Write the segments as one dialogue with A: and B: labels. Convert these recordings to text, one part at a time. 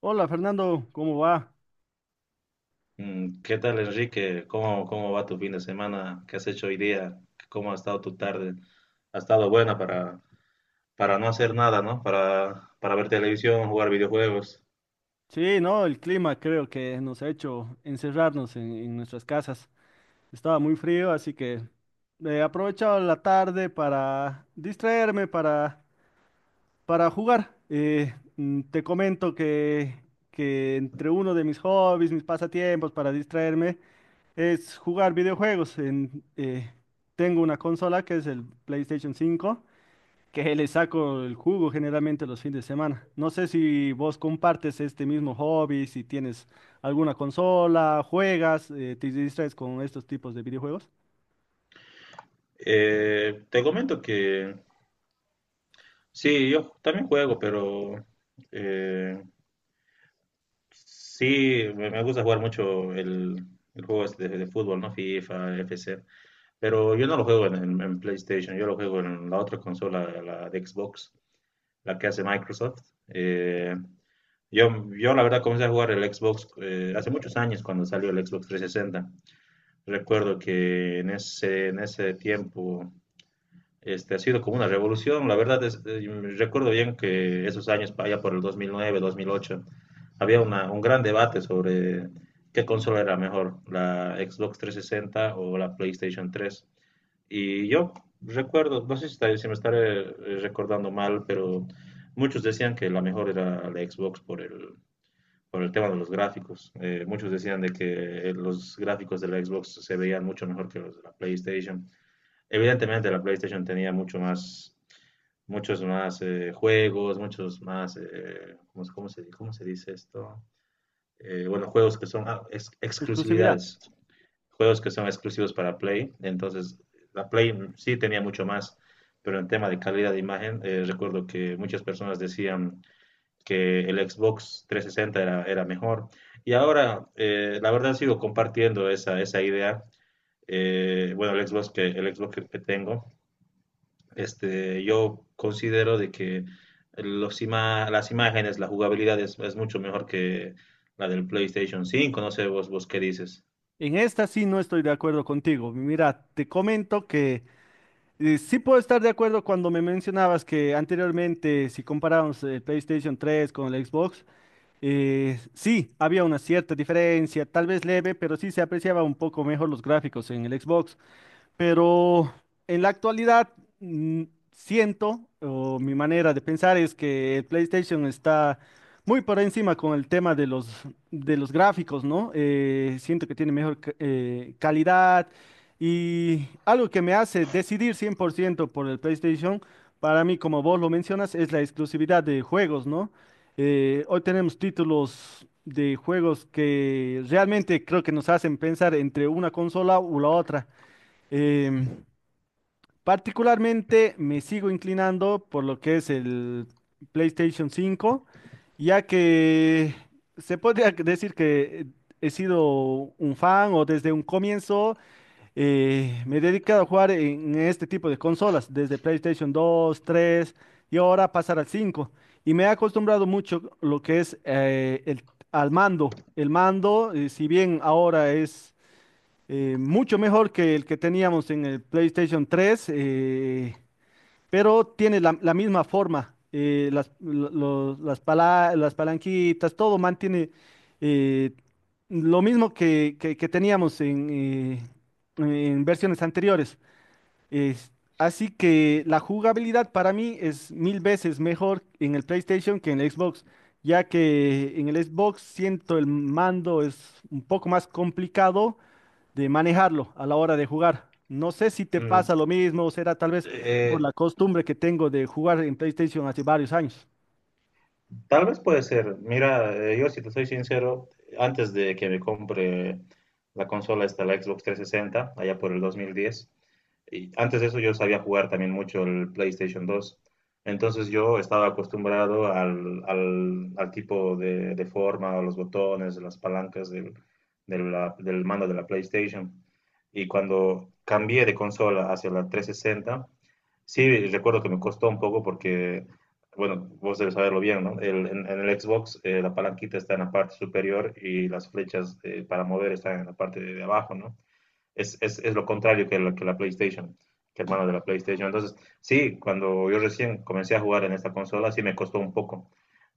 A: Hola Fernando, ¿cómo va?
B: ¿Qué tal, Enrique? ¿Cómo va tu fin de semana? ¿Qué has hecho hoy día? ¿Cómo ha estado tu tarde? ¿Ha estado buena para no hacer nada, ¿no? Para ver televisión, jugar videojuegos.
A: Sí, no, el clima creo que nos ha hecho encerrarnos en nuestras casas. Estaba muy frío, así que he aprovechado la tarde para distraerme, para jugar. Te comento que entre uno de mis hobbies, mis pasatiempos para distraerme, es jugar videojuegos. Tengo una consola que es el PlayStation cinco, que le saco el jugo generalmente los fines de semana. No sé si vos compartes este mismo hobby, si tienes alguna consola, juegas, te distraes con estos tipos de videojuegos.
B: Te comento que sí, yo también juego, pero eh, sí, me gusta jugar mucho el juego este de fútbol, ¿no? FIFA, FC. Pero yo no lo juego en PlayStation, yo lo juego en la otra consola, la de Xbox, la que hace Microsoft. Eh, Yo, yo la verdad comencé a jugar el Xbox hace muchos años cuando salió el Xbox 360. Recuerdo que en ese tiempo ha sido como una revolución. La verdad, recuerdo bien que esos años, allá por el 2009, 2008, había un gran debate sobre qué consola era mejor, la Xbox 360 o la PlayStation 3. Y yo recuerdo, no sé si, está- si me estaré recordando mal, pero muchos decían que la mejor era la Xbox por el tema de los gráficos. Muchos decían de que los gráficos de la Xbox se veían mucho mejor que los de la PlayStation. Evidentemente la PlayStation tenía muchos más juegos, muchos más, eh, ¿cómo se dice esto? Bueno, juegos que son
A: Exclusividad.
B: exclusividades, juegos que son exclusivos para Play. Entonces, la Play sí tenía mucho más, pero en tema de calidad de imagen, recuerdo que muchas personas decían que el Xbox 360 era mejor. Y ahora, la verdad, sigo compartiendo esa idea. Eh, bueno, el Xbox que, que tengo, este, yo considero de que las imágenes, la jugabilidad es mucho mejor que la del PlayStation 5. No sé vos, vos qué dices.
A: En esta sí no estoy de acuerdo contigo. Mira, te comento que sí puedo estar de acuerdo cuando me mencionabas que anteriormente, si comparábamos el PlayStation 3 con el Xbox, sí, había una cierta diferencia, tal vez leve, pero sí se apreciaba un poco mejor los gráficos en el Xbox. Pero en la actualidad, mm, siento, o mi manera de pensar es que el PlayStation está muy por encima con el tema de los gráficos, ¿no? Siento que tiene mejor calidad, y algo que me hace decidir 100% por ciento por el PlayStation, para mí, como vos lo mencionas, es la exclusividad de juegos, ¿no? Hoy tenemos títulos de juegos que realmente creo que nos hacen pensar entre una consola u la otra. Em, Particularmente me sigo inclinando por lo que es el PlayStation 5, ya que se podría decir que he sido un fan o desde un comienzo me he dedicado a jugar en este tipo de consolas, desde PlayStation 2, 3 y ahora pasar al 5. Y me he acostumbrado mucho lo que es al mando. El mando, si bien ahora es mucho mejor que el que teníamos en el PlayStation 3, pero tiene la misma forma. Las las palanquitas, todo mantiene eh, lo mismo que teníamos en versiones anteriores. Es- Así que la jugabilidad para mí es mil veces mejor en el PlayStation que en el Xbox, ya que en el Xbox siento el mando es un poco más complicado de manejarlo a la hora de jugar. No sé si te
B: Mm,
A: pasa lo mismo, o será tal vez por
B: eh,
A: la costumbre que tengo de jugar en PlayStation hace varios años.
B: tal vez puede ser. Mira, yo si te soy sincero, antes de que me compre la consola esta, la Xbox 360, allá por el 2010, y antes de eso yo sabía jugar también mucho el PlayStation 2. Entonces yo estaba acostumbrado al tipo de forma, a los botones, a las palancas del mando de la PlayStation. Y cuando cambié de consola hacia la 360, sí recuerdo que me costó un poco porque, bueno, vos debes saberlo bien, ¿no? En el Xbox la palanquita está en la parte superior y las flechas para mover están en la parte de abajo, ¿no? Es lo contrario que que la PlayStation, que hermano de la PlayStation. Entonces, sí, cuando yo recién comencé a jugar en esta consola, sí me costó un poco,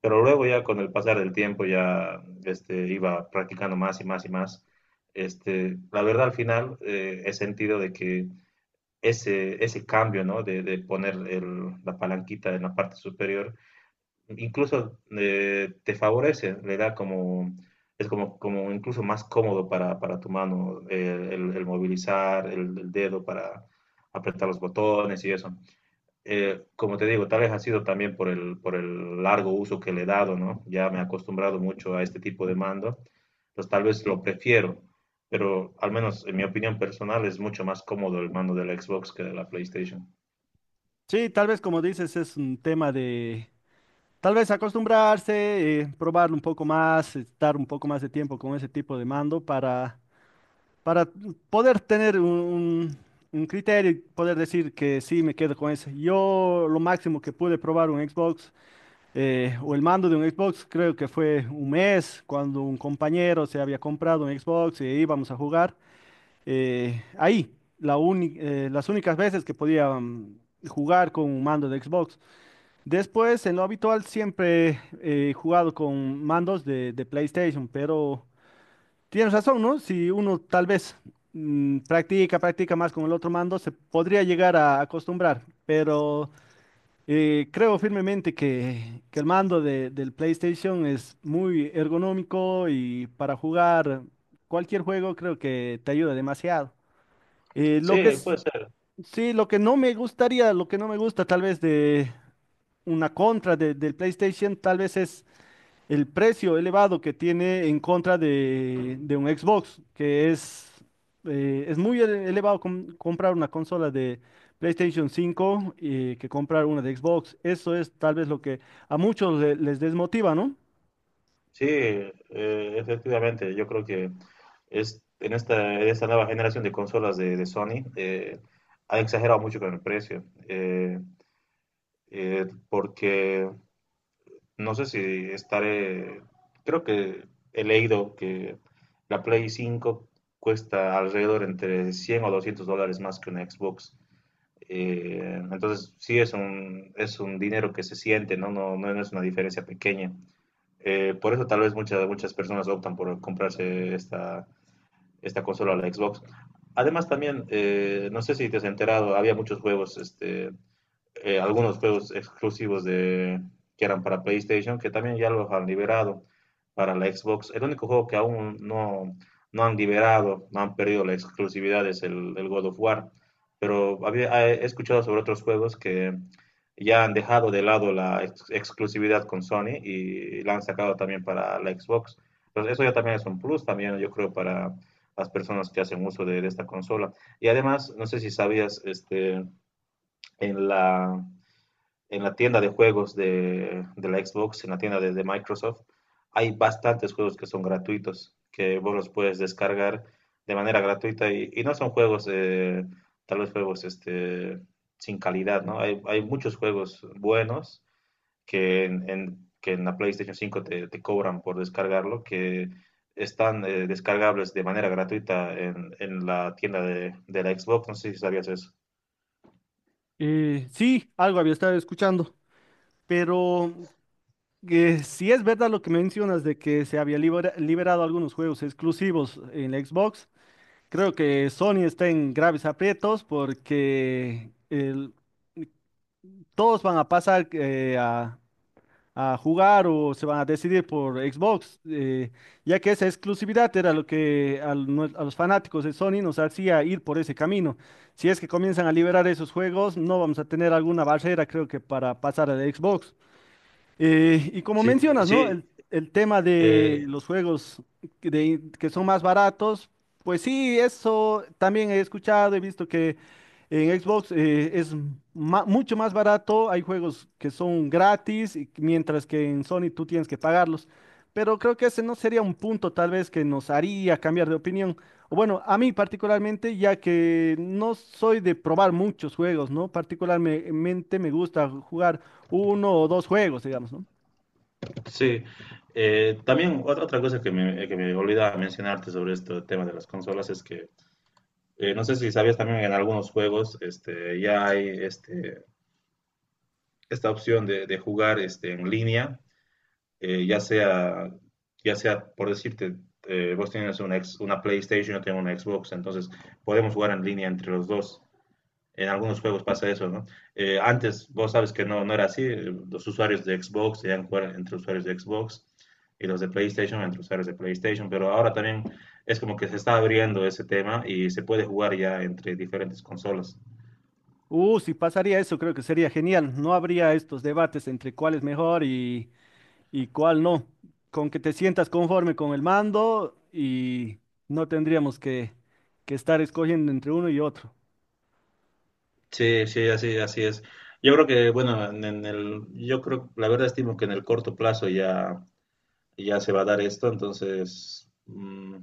B: pero luego ya con el pasar del tiempo ya este, iba practicando más y más y más. Este, la verdad al final he sentido de que ese cambio, ¿no? De poner la palanquita en la parte superior incluso te favorece, le da como, es como, como incluso más cómodo para tu mano el movilizar el dedo para apretar los botones y eso. Como te digo, tal vez ha sido también por el largo uso que le he dado, ¿no? Ya me he acostumbrado mucho a este tipo de mando, pues tal vez lo prefiero, pero al menos en mi opinión personal es mucho más cómodo el mando de la Xbox que de la PlayStation.
A: Sí, tal vez como dices, es un tema de tal vez acostumbrarse, probarlo un poco más, estar un poco más de tiempo con ese tipo de mando, para poder tener un criterio y poder decir que sí, me quedo con ese. Yo lo máximo que pude probar un Xbox, o el mando de un Xbox, creo que fue un mes, cuando un compañero se había comprado un Xbox y íbamos a jugar. Ahí, las únicas veces que podía jugar con un mando de Xbox. Después, en lo habitual, siempre he jugado con mandos de PlayStation, pero tienes razón, ¿no? Si uno tal vez practica, practica más con el otro mando, se podría llegar a acostumbrar, pero... Creo firmemente que el mando del PlayStation es muy ergonómico y para jugar cualquier juego creo que te ayuda demasiado. Eh, lo que
B: Sí,
A: es,
B: puede ser.
A: sí, lo que no me gustaría, lo que no me gusta tal vez de una contra del PlayStation, tal vez es el precio elevado que tiene en contra de un Xbox, es muy elevado comprar una consola de PlayStation cinco, que comprar una de Xbox. Eso es tal vez lo que a muchos les desmotiva, ¿no?
B: Sí, efectivamente, yo creo que en esta nueva generación de consolas de Sony han exagerado mucho con el precio, porque no sé si estaré, creo que he leído que la Play 5 cuesta alrededor entre 100 o $200 más que una Xbox. Eh, entonces, sí, es un dinero que se siente, ¿no? No es una diferencia pequeña. Por eso tal vez muchas personas optan por comprarse esta consola, la Xbox. Además también, no sé si te has enterado, había muchos juegos este, algunos juegos exclusivos de, que eran para PlayStation, que también ya los han liberado para la Xbox. El único juego que aún no, no han liberado, no han perdido la exclusividad es el God of War. Pero había, he escuchado sobre otros juegos que ya han dejado de lado la ex exclusividad con Sony y la han sacado también para la Xbox. Entonces eso ya también es un plus, también yo creo, para las personas que hacen uso de esta consola. Y además, no sé si sabías, este, en la en la tienda de juegos de la Xbox, en la tienda de, Microsoft, hay bastantes juegos que son gratuitos, que vos los puedes descargar de manera gratuita y no son juegos, tal vez juegos este, sin calidad, ¿no? Hay muchos juegos buenos que en la PlayStation 5 te, te cobran por descargarlo, que están descargables de manera gratuita en la tienda la Xbox. No sé si sabías eso.
A: Sí, algo había estado escuchando, pero si es verdad lo que mencionas de que se había liberado algunos juegos exclusivos en la Xbox, creo que Sony está en graves aprietos porque el, todos van a pasar a jugar o se van a decidir por Xbox, ya que esa exclusividad era lo que los fanáticos de Sony nos hacía ir por ese camino. Si es que comienzan a liberar esos juegos, no vamos a tener alguna barrera, creo que, para pasar a Xbox. Y como
B: Sí,
A: mencionas, ¿no?
B: sí.
A: El tema de
B: eh,
A: los juegos que son más baratos, pues sí, eso también he escuchado, he visto que en Xbox, es mucho más barato, hay juegos que son gratis, mientras que en Sony tú tienes que pagarlos. Pero creo que ese no sería un punto tal vez que nos haría cambiar de opinión. O bueno, a mí particularmente, ya que no soy de probar muchos juegos, ¿no? Particularmente me gusta jugar uno o dos juegos, digamos, ¿no?
B: Sí, también otra, otra cosa que me olvidaba mencionarte sobre este tema de las consolas es que no sé si sabías también en algunos juegos este, ya hay este, esta opción de jugar este, en línea, eh, ya sea, ya sea por decirte, vos tienes una PlayStation, yo tengo una Xbox, entonces podemos jugar en línea entre los dos. En algunos juegos pasa eso, ¿no? Antes vos sabes que no era así. Los usuarios de Xbox debían jugar entre usuarios de Xbox y los de PlayStation entre usuarios de PlayStation, pero ahora también es como que se está abriendo ese tema y se puede jugar ya entre diferentes consolas.
A: Si pasaría eso, creo que sería genial. No habría estos debates entre cuál es mejor y cuál no. Con que te sientas conforme con el mando, y no tendríamos que estar escogiendo entre uno y otro.
B: Sí, sí, así, así es. Yo creo que, bueno, yo creo, la verdad estimo que en el corto plazo ya, ya se va a dar esto, entonces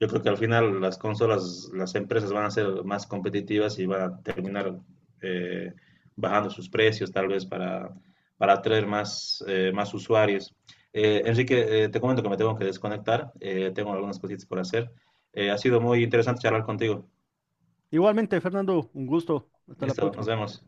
B: yo creo que al final las consolas, las empresas van a ser más competitivas y van a terminar eh, bajando sus precios tal vez para atraer más, más usuarios. Enrique, te comento que me tengo que desconectar, tengo algunas cositas por hacer. Ha sido muy interesante charlar contigo.
A: Igualmente, Fernando, un gusto. Hasta la
B: Listo,
A: próxima.
B: nos vemos.